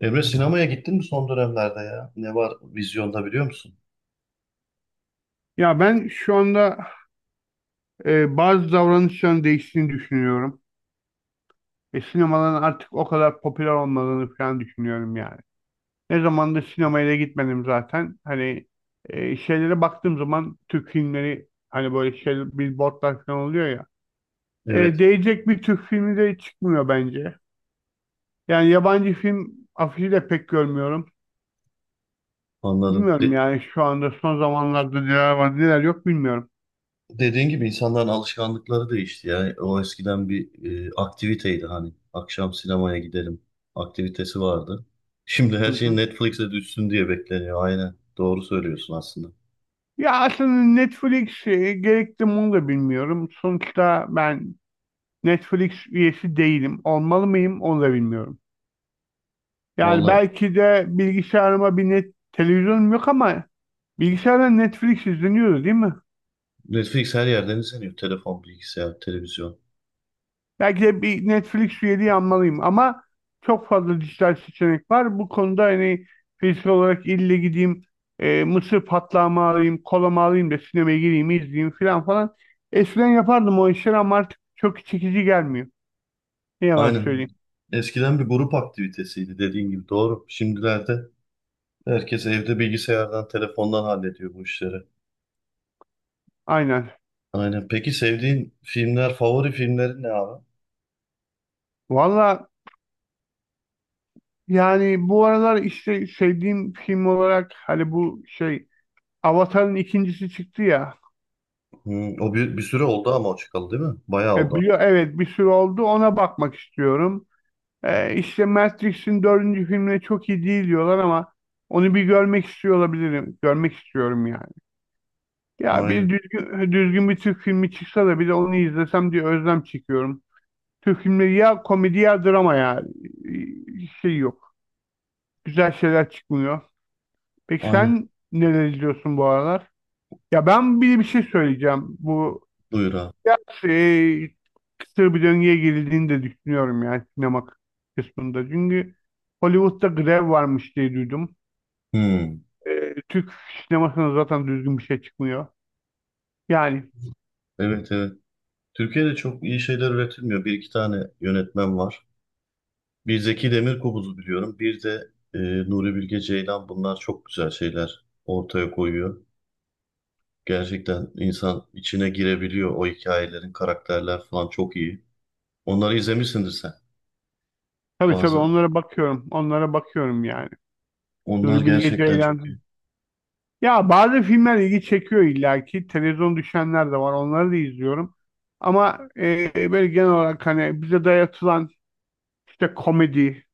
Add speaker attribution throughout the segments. Speaker 1: Emre sinemaya gittin mi son dönemlerde ya? Ne var vizyonda biliyor musun?
Speaker 2: Ya ben şu anda bazı davranışların değiştiğini düşünüyorum. Ve sinemaların artık o kadar popüler olmadığını falan düşünüyorum yani. Ne zamandır sinemaya da gitmedim zaten. Hani şeylere baktığım zaman Türk filmleri hani böyle şey billboardlar falan oluyor ya.
Speaker 1: Evet,
Speaker 2: Değecek bir Türk filmi de çıkmıyor bence. Yani yabancı film afişi de pek görmüyorum.
Speaker 1: anladım.
Speaker 2: Bilmiyorum yani şu anda son zamanlarda neler var neler yok bilmiyorum.
Speaker 1: Dediğin gibi insanların alışkanlıkları değişti ya. O eskiden bir aktiviteydi hani. Akşam sinemaya gidelim aktivitesi vardı. Şimdi
Speaker 2: Hı
Speaker 1: her şey
Speaker 2: hı.
Speaker 1: Netflix'e düşsün diye bekleniyor. Aynen. Doğru söylüyorsun aslında.
Speaker 2: Ya aslında Netflix gerekli mi onu da bilmiyorum. Sonuçta ben Netflix üyesi değilim. Olmalı mıyım onu da bilmiyorum. Yani
Speaker 1: Vallahi
Speaker 2: belki de bilgisayarıma bir net televizyonum yok ama bilgisayardan Netflix izleniyordu değil mi?
Speaker 1: Netflix her yerden izleniyor. Telefon, bilgisayar, televizyon.
Speaker 2: Belki de bir Netflix üyeliği almalıyım ama çok fazla dijital seçenek var. Bu konuda hani fiziksel olarak ille gideyim, mısır patlağımı alayım, kolamı alayım da sinemaya gireyim, izleyeyim falan falan. Eskiden yapardım o işleri ama artık çok çekici gelmiyor. Ne yalan
Speaker 1: Aynen.
Speaker 2: söyleyeyim.
Speaker 1: Eskiden bir grup aktivitesiydi dediğin gibi. Doğru. Şimdilerde herkes evde bilgisayardan, telefondan hallediyor bu işleri.
Speaker 2: Aynen.
Speaker 1: Aynen. Peki sevdiğin filmler, favori filmlerin ne abi?
Speaker 2: Valla yani bu aralar işte sevdiğim film olarak hani bu şey Avatar'ın ikincisi çıktı ya.
Speaker 1: Hmm. O bir süre oldu ama o çıkalı değil mi? Bayağı oldu.
Speaker 2: Biliyor evet bir sürü oldu ona bakmak istiyorum. İşte Matrix'in dördüncü filmine çok iyi değil diyorlar ama onu bir görmek istiyor olabilirim. Görmek istiyorum yani. Ya bir
Speaker 1: Aynen.
Speaker 2: düzgün, düzgün bir Türk filmi çıksa da bir de onu izlesem diye özlem çekiyorum. Türk filmleri ya komedi ya drama ya. Şey yok. Güzel şeyler çıkmıyor. Peki
Speaker 1: Aynen.
Speaker 2: sen neler izliyorsun bu aralar? Ya ben bir şey söyleyeceğim. Bu
Speaker 1: Buyur abi.
Speaker 2: şey, kısır bir döngüye girildiğini de düşünüyorum yani sinema kısmında. Çünkü Hollywood'da grev varmış diye duydum.
Speaker 1: Hmm.
Speaker 2: Türk sinemasına zaten düzgün bir şey çıkmıyor. Yani
Speaker 1: Evet, evet. Türkiye'de çok iyi şeyler üretilmiyor. Bir iki tane yönetmen var. Bir Zeki Demirkubuz'u biliyorum. Bir de Nuri Bilge Ceylan. Bunlar çok güzel şeyler ortaya koyuyor. Gerçekten insan içine girebiliyor. O hikayelerin, karakterler falan çok iyi. Onları izlemişsindir sen.
Speaker 2: tabii
Speaker 1: Bazı.
Speaker 2: onlara bakıyorum. Onlara bakıyorum yani.
Speaker 1: Onlar
Speaker 2: Nuri Bilge
Speaker 1: gerçekten çok iyi.
Speaker 2: Ceylan. Ya bazı filmler ilgi çekiyor illaki. Televizyon düşenler de var. Onları da izliyorum. Ama böyle genel olarak hani bize dayatılan işte komedi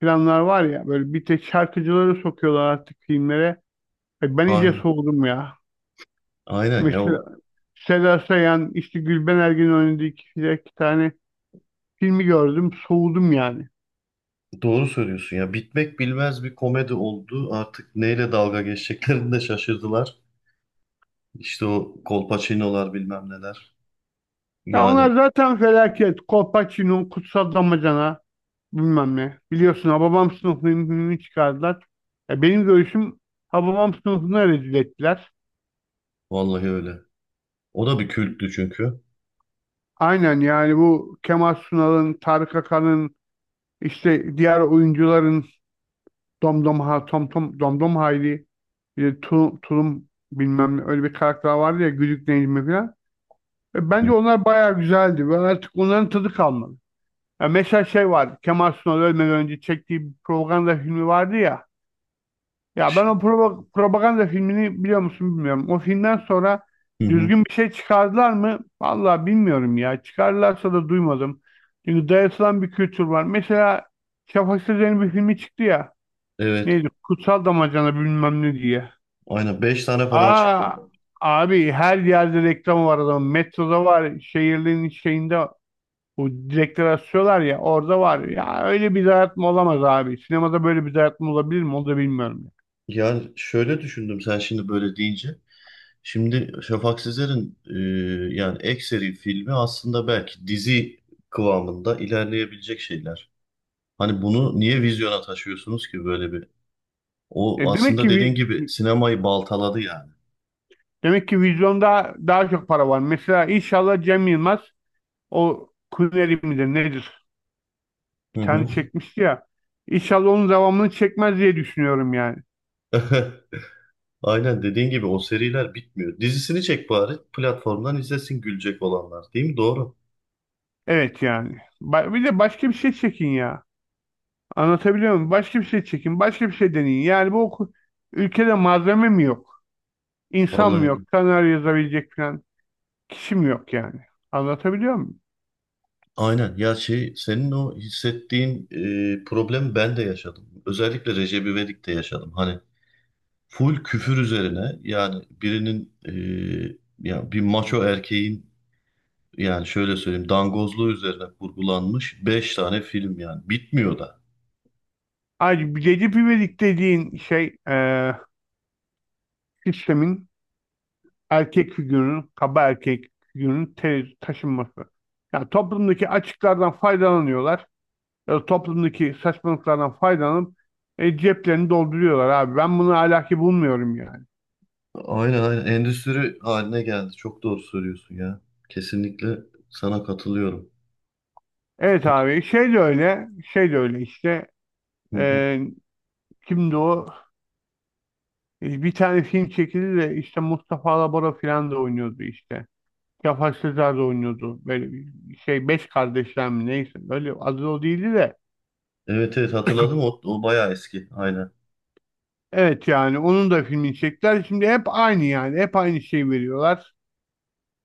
Speaker 2: planlar var ya böyle bir tek şarkıcıları sokuyorlar artık filmlere. Ay ben iyice
Speaker 1: Aynen.
Speaker 2: soğudum ya.
Speaker 1: Aynen ya.
Speaker 2: Mesela Seda Sayan, işte Gülben Ergen'in oynadığı iki tane filmi gördüm. Soğudum yani.
Speaker 1: Doğru söylüyorsun ya. Bitmek bilmez bir komedi oldu. Artık neyle dalga geçeceklerini de şaşırdılar. İşte o kolpaçinolar bilmem neler.
Speaker 2: Ya onlar
Speaker 1: Yani
Speaker 2: zaten felaket. Kolpaçino, Kutsal Damacana bilmem ne. Biliyorsun Hababam Sınıfı'nın filmini çıkardılar. Ya benim görüşüm Hababam Sınıfı'nı rezil ettiler.
Speaker 1: vallahi öyle. O da bir külttü çünkü.
Speaker 2: Aynen yani bu Kemal Sunal'ın, Tarık Akan'ın, işte diğer oyuncuların Domdom ha Tom Tom Domdom Hayri bir de Tulum bilmem ne öyle bir karakter vardı ya Güdük Necmi falan.
Speaker 1: Hı
Speaker 2: Bence
Speaker 1: hı.
Speaker 2: onlar bayağı güzeldi ve artık onların tadı kalmadı. Ya mesela şey vardı Kemal Sunal ölmeden önce çektiği bir propaganda filmi vardı ya. Ya
Speaker 1: Ş-
Speaker 2: ben o propaganda filmini biliyor musun bilmiyorum. O filmden sonra
Speaker 1: hı hı.
Speaker 2: düzgün bir şey çıkardılar mı? Vallahi bilmiyorum ya. Çıkardılarsa da duymadım. Çünkü dayatılan bir kültür var. Mesela Şafak Sezer'in bir filmi çıktı ya.
Speaker 1: Evet.
Speaker 2: Neydi? Kutsal damacana bilmem ne diye.
Speaker 1: Aynen 5 tane falan çıktı
Speaker 2: Aa
Speaker 1: ondan.
Speaker 2: abi her yerde reklam var adamın. Metroda var. Şehirlerin şeyinde o direkleri asıyorlar ya orada var. Ya öyle bir dayatma olamaz abi. Sinemada böyle bir dayatma olabilir mi? Onu da bilmiyorum.
Speaker 1: Yani şöyle düşündüm sen şimdi böyle deyince. Şimdi Şafak Sezer'in yani ek seri filmi aslında belki dizi kıvamında ilerleyebilecek şeyler. Hani bunu niye vizyona taşıyorsunuz ki böyle bir.
Speaker 2: Ya
Speaker 1: O
Speaker 2: Demek
Speaker 1: aslında
Speaker 2: ki
Speaker 1: dediğin gibi sinemayı baltaladı yani.
Speaker 2: demek ki vizyonda daha çok para var. Mesela inşallah Cem Yılmaz o Kuneri midir nedir?
Speaker 1: Hı
Speaker 2: Bir tane
Speaker 1: hı.
Speaker 2: çekmişti ya. İnşallah onun devamını çekmez diye düşünüyorum yani.
Speaker 1: Aynen dediğin gibi o seriler bitmiyor. Dizisini çek bari platformdan izlesin gülecek olanlar değil mi? Doğru.
Speaker 2: Evet yani. Bir de başka bir şey çekin ya. Anlatabiliyor muyum? Başka bir şey çekin, başka bir şey deneyin. Yani ülkede malzeme mi yok? İnsan
Speaker 1: Vallahi
Speaker 2: mı
Speaker 1: öyle.
Speaker 2: yok? Senaryo yazabilecek falan kişi mi yok yani? Anlatabiliyor muyum?
Speaker 1: Aynen ya, şey senin o hissettiğin problem ben de yaşadım. Özellikle Recep İvedik'te yaşadım. Hani full küfür üzerine yani birinin ya bir maço erkeğin yani şöyle söyleyeyim dangozluğu üzerine kurgulanmış 5 tane film yani bitmiyor da.
Speaker 2: Ayrıca bir Recep İvedik dediğin şey sistemin erkek figürünün, kaba erkek figürünün taşınması. Yani toplumdaki açıklardan faydalanıyorlar. Ya da toplumdaki saçmalıklardan faydalanıp ceplerini dolduruyorlar abi. Ben bunu ahlaki bulmuyorum yani.
Speaker 1: Aynen, aynen, endüstri haline geldi. Çok doğru söylüyorsun ya. Kesinlikle sana katılıyorum.
Speaker 2: Evet
Speaker 1: Peki.
Speaker 2: abi şey de öyle, şey de öyle işte.
Speaker 1: Hı hı.
Speaker 2: Ee, Kimdi o? Bir tane film çekildi de işte Mustafa Alabora falan da oynuyordu işte. Cafer Sezer de oynuyordu. Böyle bir şey Beş Kardeşler mi neyse. Böyle adı o değildi de.
Speaker 1: Evet, evet, hatırladım o bayağı eski aynen.
Speaker 2: Evet yani onun da filmini çektiler. Şimdi hep aynı yani. Hep aynı şeyi veriyorlar.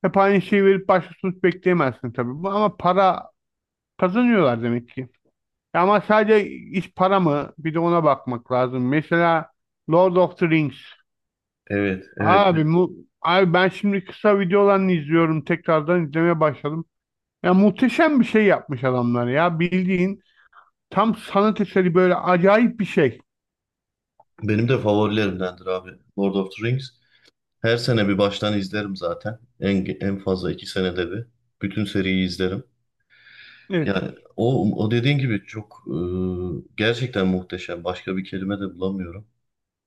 Speaker 2: Hep aynı şeyi verip başka sonuç bekleyemezsin tabii. Ama para kazanıyorlar demek ki. Ama sadece iş para mı? Bir de ona bakmak lazım. Mesela Lord of the Rings.
Speaker 1: Evet, evet,
Speaker 2: Abi mu abi ben şimdi kısa videolarını izliyorum. Tekrardan izlemeye başladım. Ya muhteşem bir şey yapmış adamlar ya. Bildiğin tam sanat eseri böyle acayip bir şey.
Speaker 1: Benim de favorilerimdendir abi. Lord of the Rings. Her sene bir baştan izlerim zaten. En fazla 2 senede bir. Bütün seriyi izlerim.
Speaker 2: Evet.
Speaker 1: Yani o dediğin gibi çok gerçekten muhteşem. Başka bir kelime de bulamıyorum.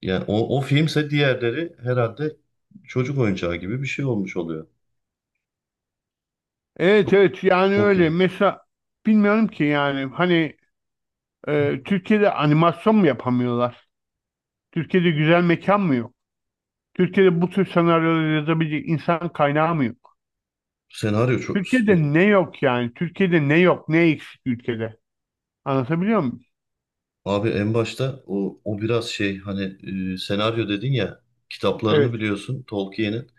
Speaker 1: Yani o filmse diğerleri herhalde çocuk oyuncağı gibi bir şey olmuş oluyor.
Speaker 2: Evet evet yani
Speaker 1: Çok
Speaker 2: öyle.
Speaker 1: iyi.
Speaker 2: Mesela bilmiyorum ki yani hani Türkiye'de animasyon mu yapamıyorlar? Türkiye'de güzel mekan mı yok? Türkiye'de bu tür senaryoları yazabilecek insan kaynağı mı yok?
Speaker 1: Senaryo çok... e,
Speaker 2: Türkiye'de ne yok yani? Türkiye'de ne yok? Ne eksik ülkede? Anlatabiliyor muyum?
Speaker 1: Abi en başta o biraz şey hani senaryo dedin ya kitaplarını
Speaker 2: Evet.
Speaker 1: biliyorsun Tolkien'in.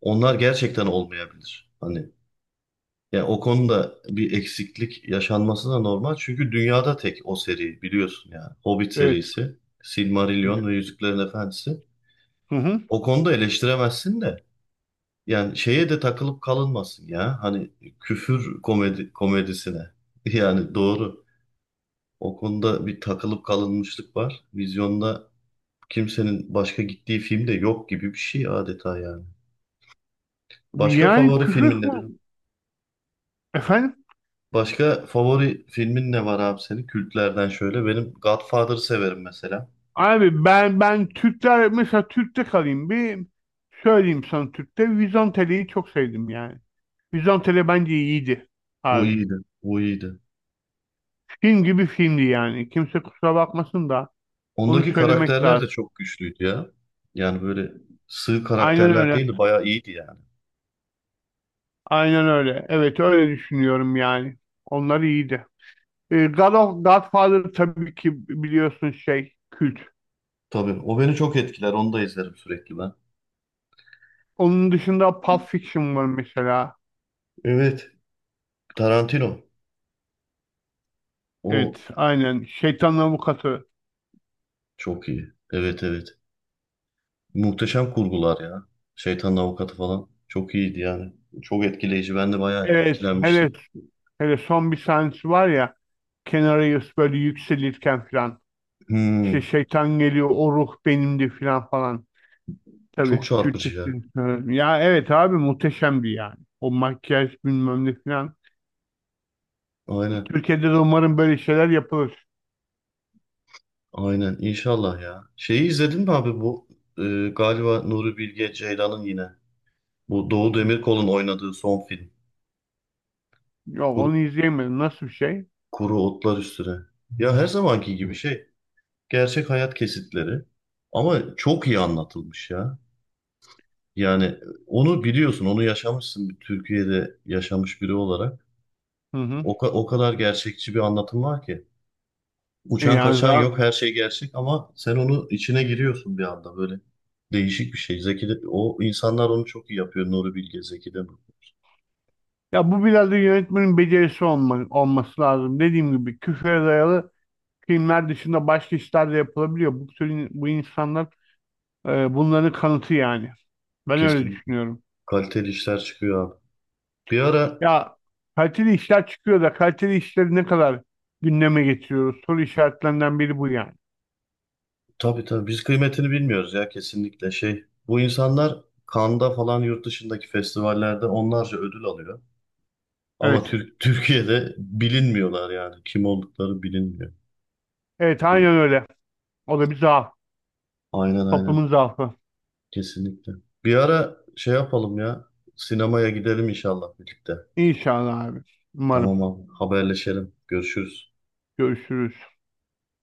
Speaker 1: Onlar gerçekten olmayabilir. Hani yani o konuda bir eksiklik yaşanması da normal. Çünkü dünyada tek o seri biliyorsun yani. Hobbit
Speaker 2: Evet.
Speaker 1: serisi,
Speaker 2: Evet.
Speaker 1: Silmarillion ve Yüzüklerin Efendisi.
Speaker 2: Hı hı.
Speaker 1: O konuda eleştiremezsin de yani şeye de takılıp kalınmasın ya. Hani küfür komedi komedisine. Yani doğru. O konuda bir takılıp kalınmışlık var. Vizyonda kimsenin başka gittiği film de yok gibi bir şey adeta yani. Başka
Speaker 2: Yani
Speaker 1: favori filmin nedir?
Speaker 2: efendim
Speaker 1: Başka favori filmin ne var abi senin? Kültlerden şöyle. Benim Godfather'ı severim mesela.
Speaker 2: abi ben Türkler mesela Türk'te kalayım bir söyleyeyim sana Türk'te Vizontele'yi çok sevdim yani. Vizontele bence iyiydi
Speaker 1: O
Speaker 2: abi.
Speaker 1: iyiydi. O iyiydi.
Speaker 2: Film gibi filmdi yani. Kimse kusura bakmasın da onu
Speaker 1: Ondaki
Speaker 2: söylemek
Speaker 1: karakterler de
Speaker 2: lazım.
Speaker 1: çok güçlüydü ya. Yani böyle sığ
Speaker 2: Aynen
Speaker 1: karakterler
Speaker 2: öyle.
Speaker 1: değildi. Bayağı iyiydi yani.
Speaker 2: Aynen öyle. Evet öyle düşünüyorum yani. Onlar iyiydi. God of Godfather tabii ki biliyorsun şey kült.
Speaker 1: Tabii. O beni çok etkiler. Onu da izlerim sürekli ben.
Speaker 2: Onun dışında Pulp Fiction var mesela.
Speaker 1: Evet. Tarantino. O
Speaker 2: Evet aynen. Şeytanın Avukatı.
Speaker 1: çok iyi. Evet, evet. Muhteşem kurgular ya. Şeytanın Avukatı falan. Çok iyiydi yani. Çok etkileyici. Ben de bayağı
Speaker 2: Evet, hele,
Speaker 1: etkilenmiştim.
Speaker 2: hele son bir sahnesi var ya kenara böyle yükselirken falan işte
Speaker 1: Hmm,
Speaker 2: şeytan geliyor o ruh benimdi falan falan.
Speaker 1: çok
Speaker 2: Tabii
Speaker 1: çarpıcı ya.
Speaker 2: Türkçesini söylüyorum. Ya evet abi muhteşemdi yani. O makyaj bilmem ne falan.
Speaker 1: Aynen.
Speaker 2: Türkiye'de de umarım böyle şeyler yapılır.
Speaker 1: Aynen. İnşallah ya. Şeyi izledin mi abi bu? e, Galiba Nuri Bilge Ceylan'ın yine. Bu Doğu Demirkol'un oynadığı son film.
Speaker 2: Yok
Speaker 1: Kur-
Speaker 2: onu izleyemedim. Nasıl bir şey?
Speaker 1: Kuru Otlar Üstüne. Ya her zamanki gibi şey. Gerçek hayat kesitleri. Ama çok iyi anlatılmış ya. Yani onu biliyorsun, onu yaşamışsın bir Türkiye'de yaşamış biri olarak.
Speaker 2: Hı hı.
Speaker 1: O, o kadar gerçekçi bir anlatım var ki. Uçan
Speaker 2: Yani
Speaker 1: kaçan
Speaker 2: zaten,
Speaker 1: yok, her şey gerçek ama sen onu içine giriyorsun bir anda böyle. Değişik bir şey. Zeki de, o insanlar onu çok iyi yapıyor. Nuri Bilge, Zeki de.
Speaker 2: ya bu biraz da yönetmenin olması lazım. Dediğim gibi küfre dayalı filmler dışında başka işler de yapılabiliyor. Bu tür bu insanlar bunların kanıtı yani. Ben öyle
Speaker 1: Kesinlikle
Speaker 2: düşünüyorum.
Speaker 1: kaliteli işler çıkıyor abi. Bir ara
Speaker 2: Ya kaliteli işler çıkıyor da kaliteli işleri ne kadar gündeme getiriyoruz? Soru işaretlerinden biri bu yani.
Speaker 1: tabii, tabii biz kıymetini bilmiyoruz ya kesinlikle şey. Bu insanlar Cannes'da falan yurt dışındaki festivallerde onlarca ödül alıyor. Ama
Speaker 2: Evet.
Speaker 1: Türk, Türkiye'de bilinmiyorlar yani. Kim oldukları bilinmiyor.
Speaker 2: Evet
Speaker 1: E,
Speaker 2: aynen öyle. O da bir zaaf.
Speaker 1: Aynen, aynen.
Speaker 2: Toplumun zaafı.
Speaker 1: Kesinlikle. Bir ara şey yapalım ya. Sinemaya gidelim inşallah birlikte.
Speaker 2: İnşallah abi. Umarım.
Speaker 1: Tamam abi. Haberleşelim. Görüşürüz.
Speaker 2: Görüşürüz.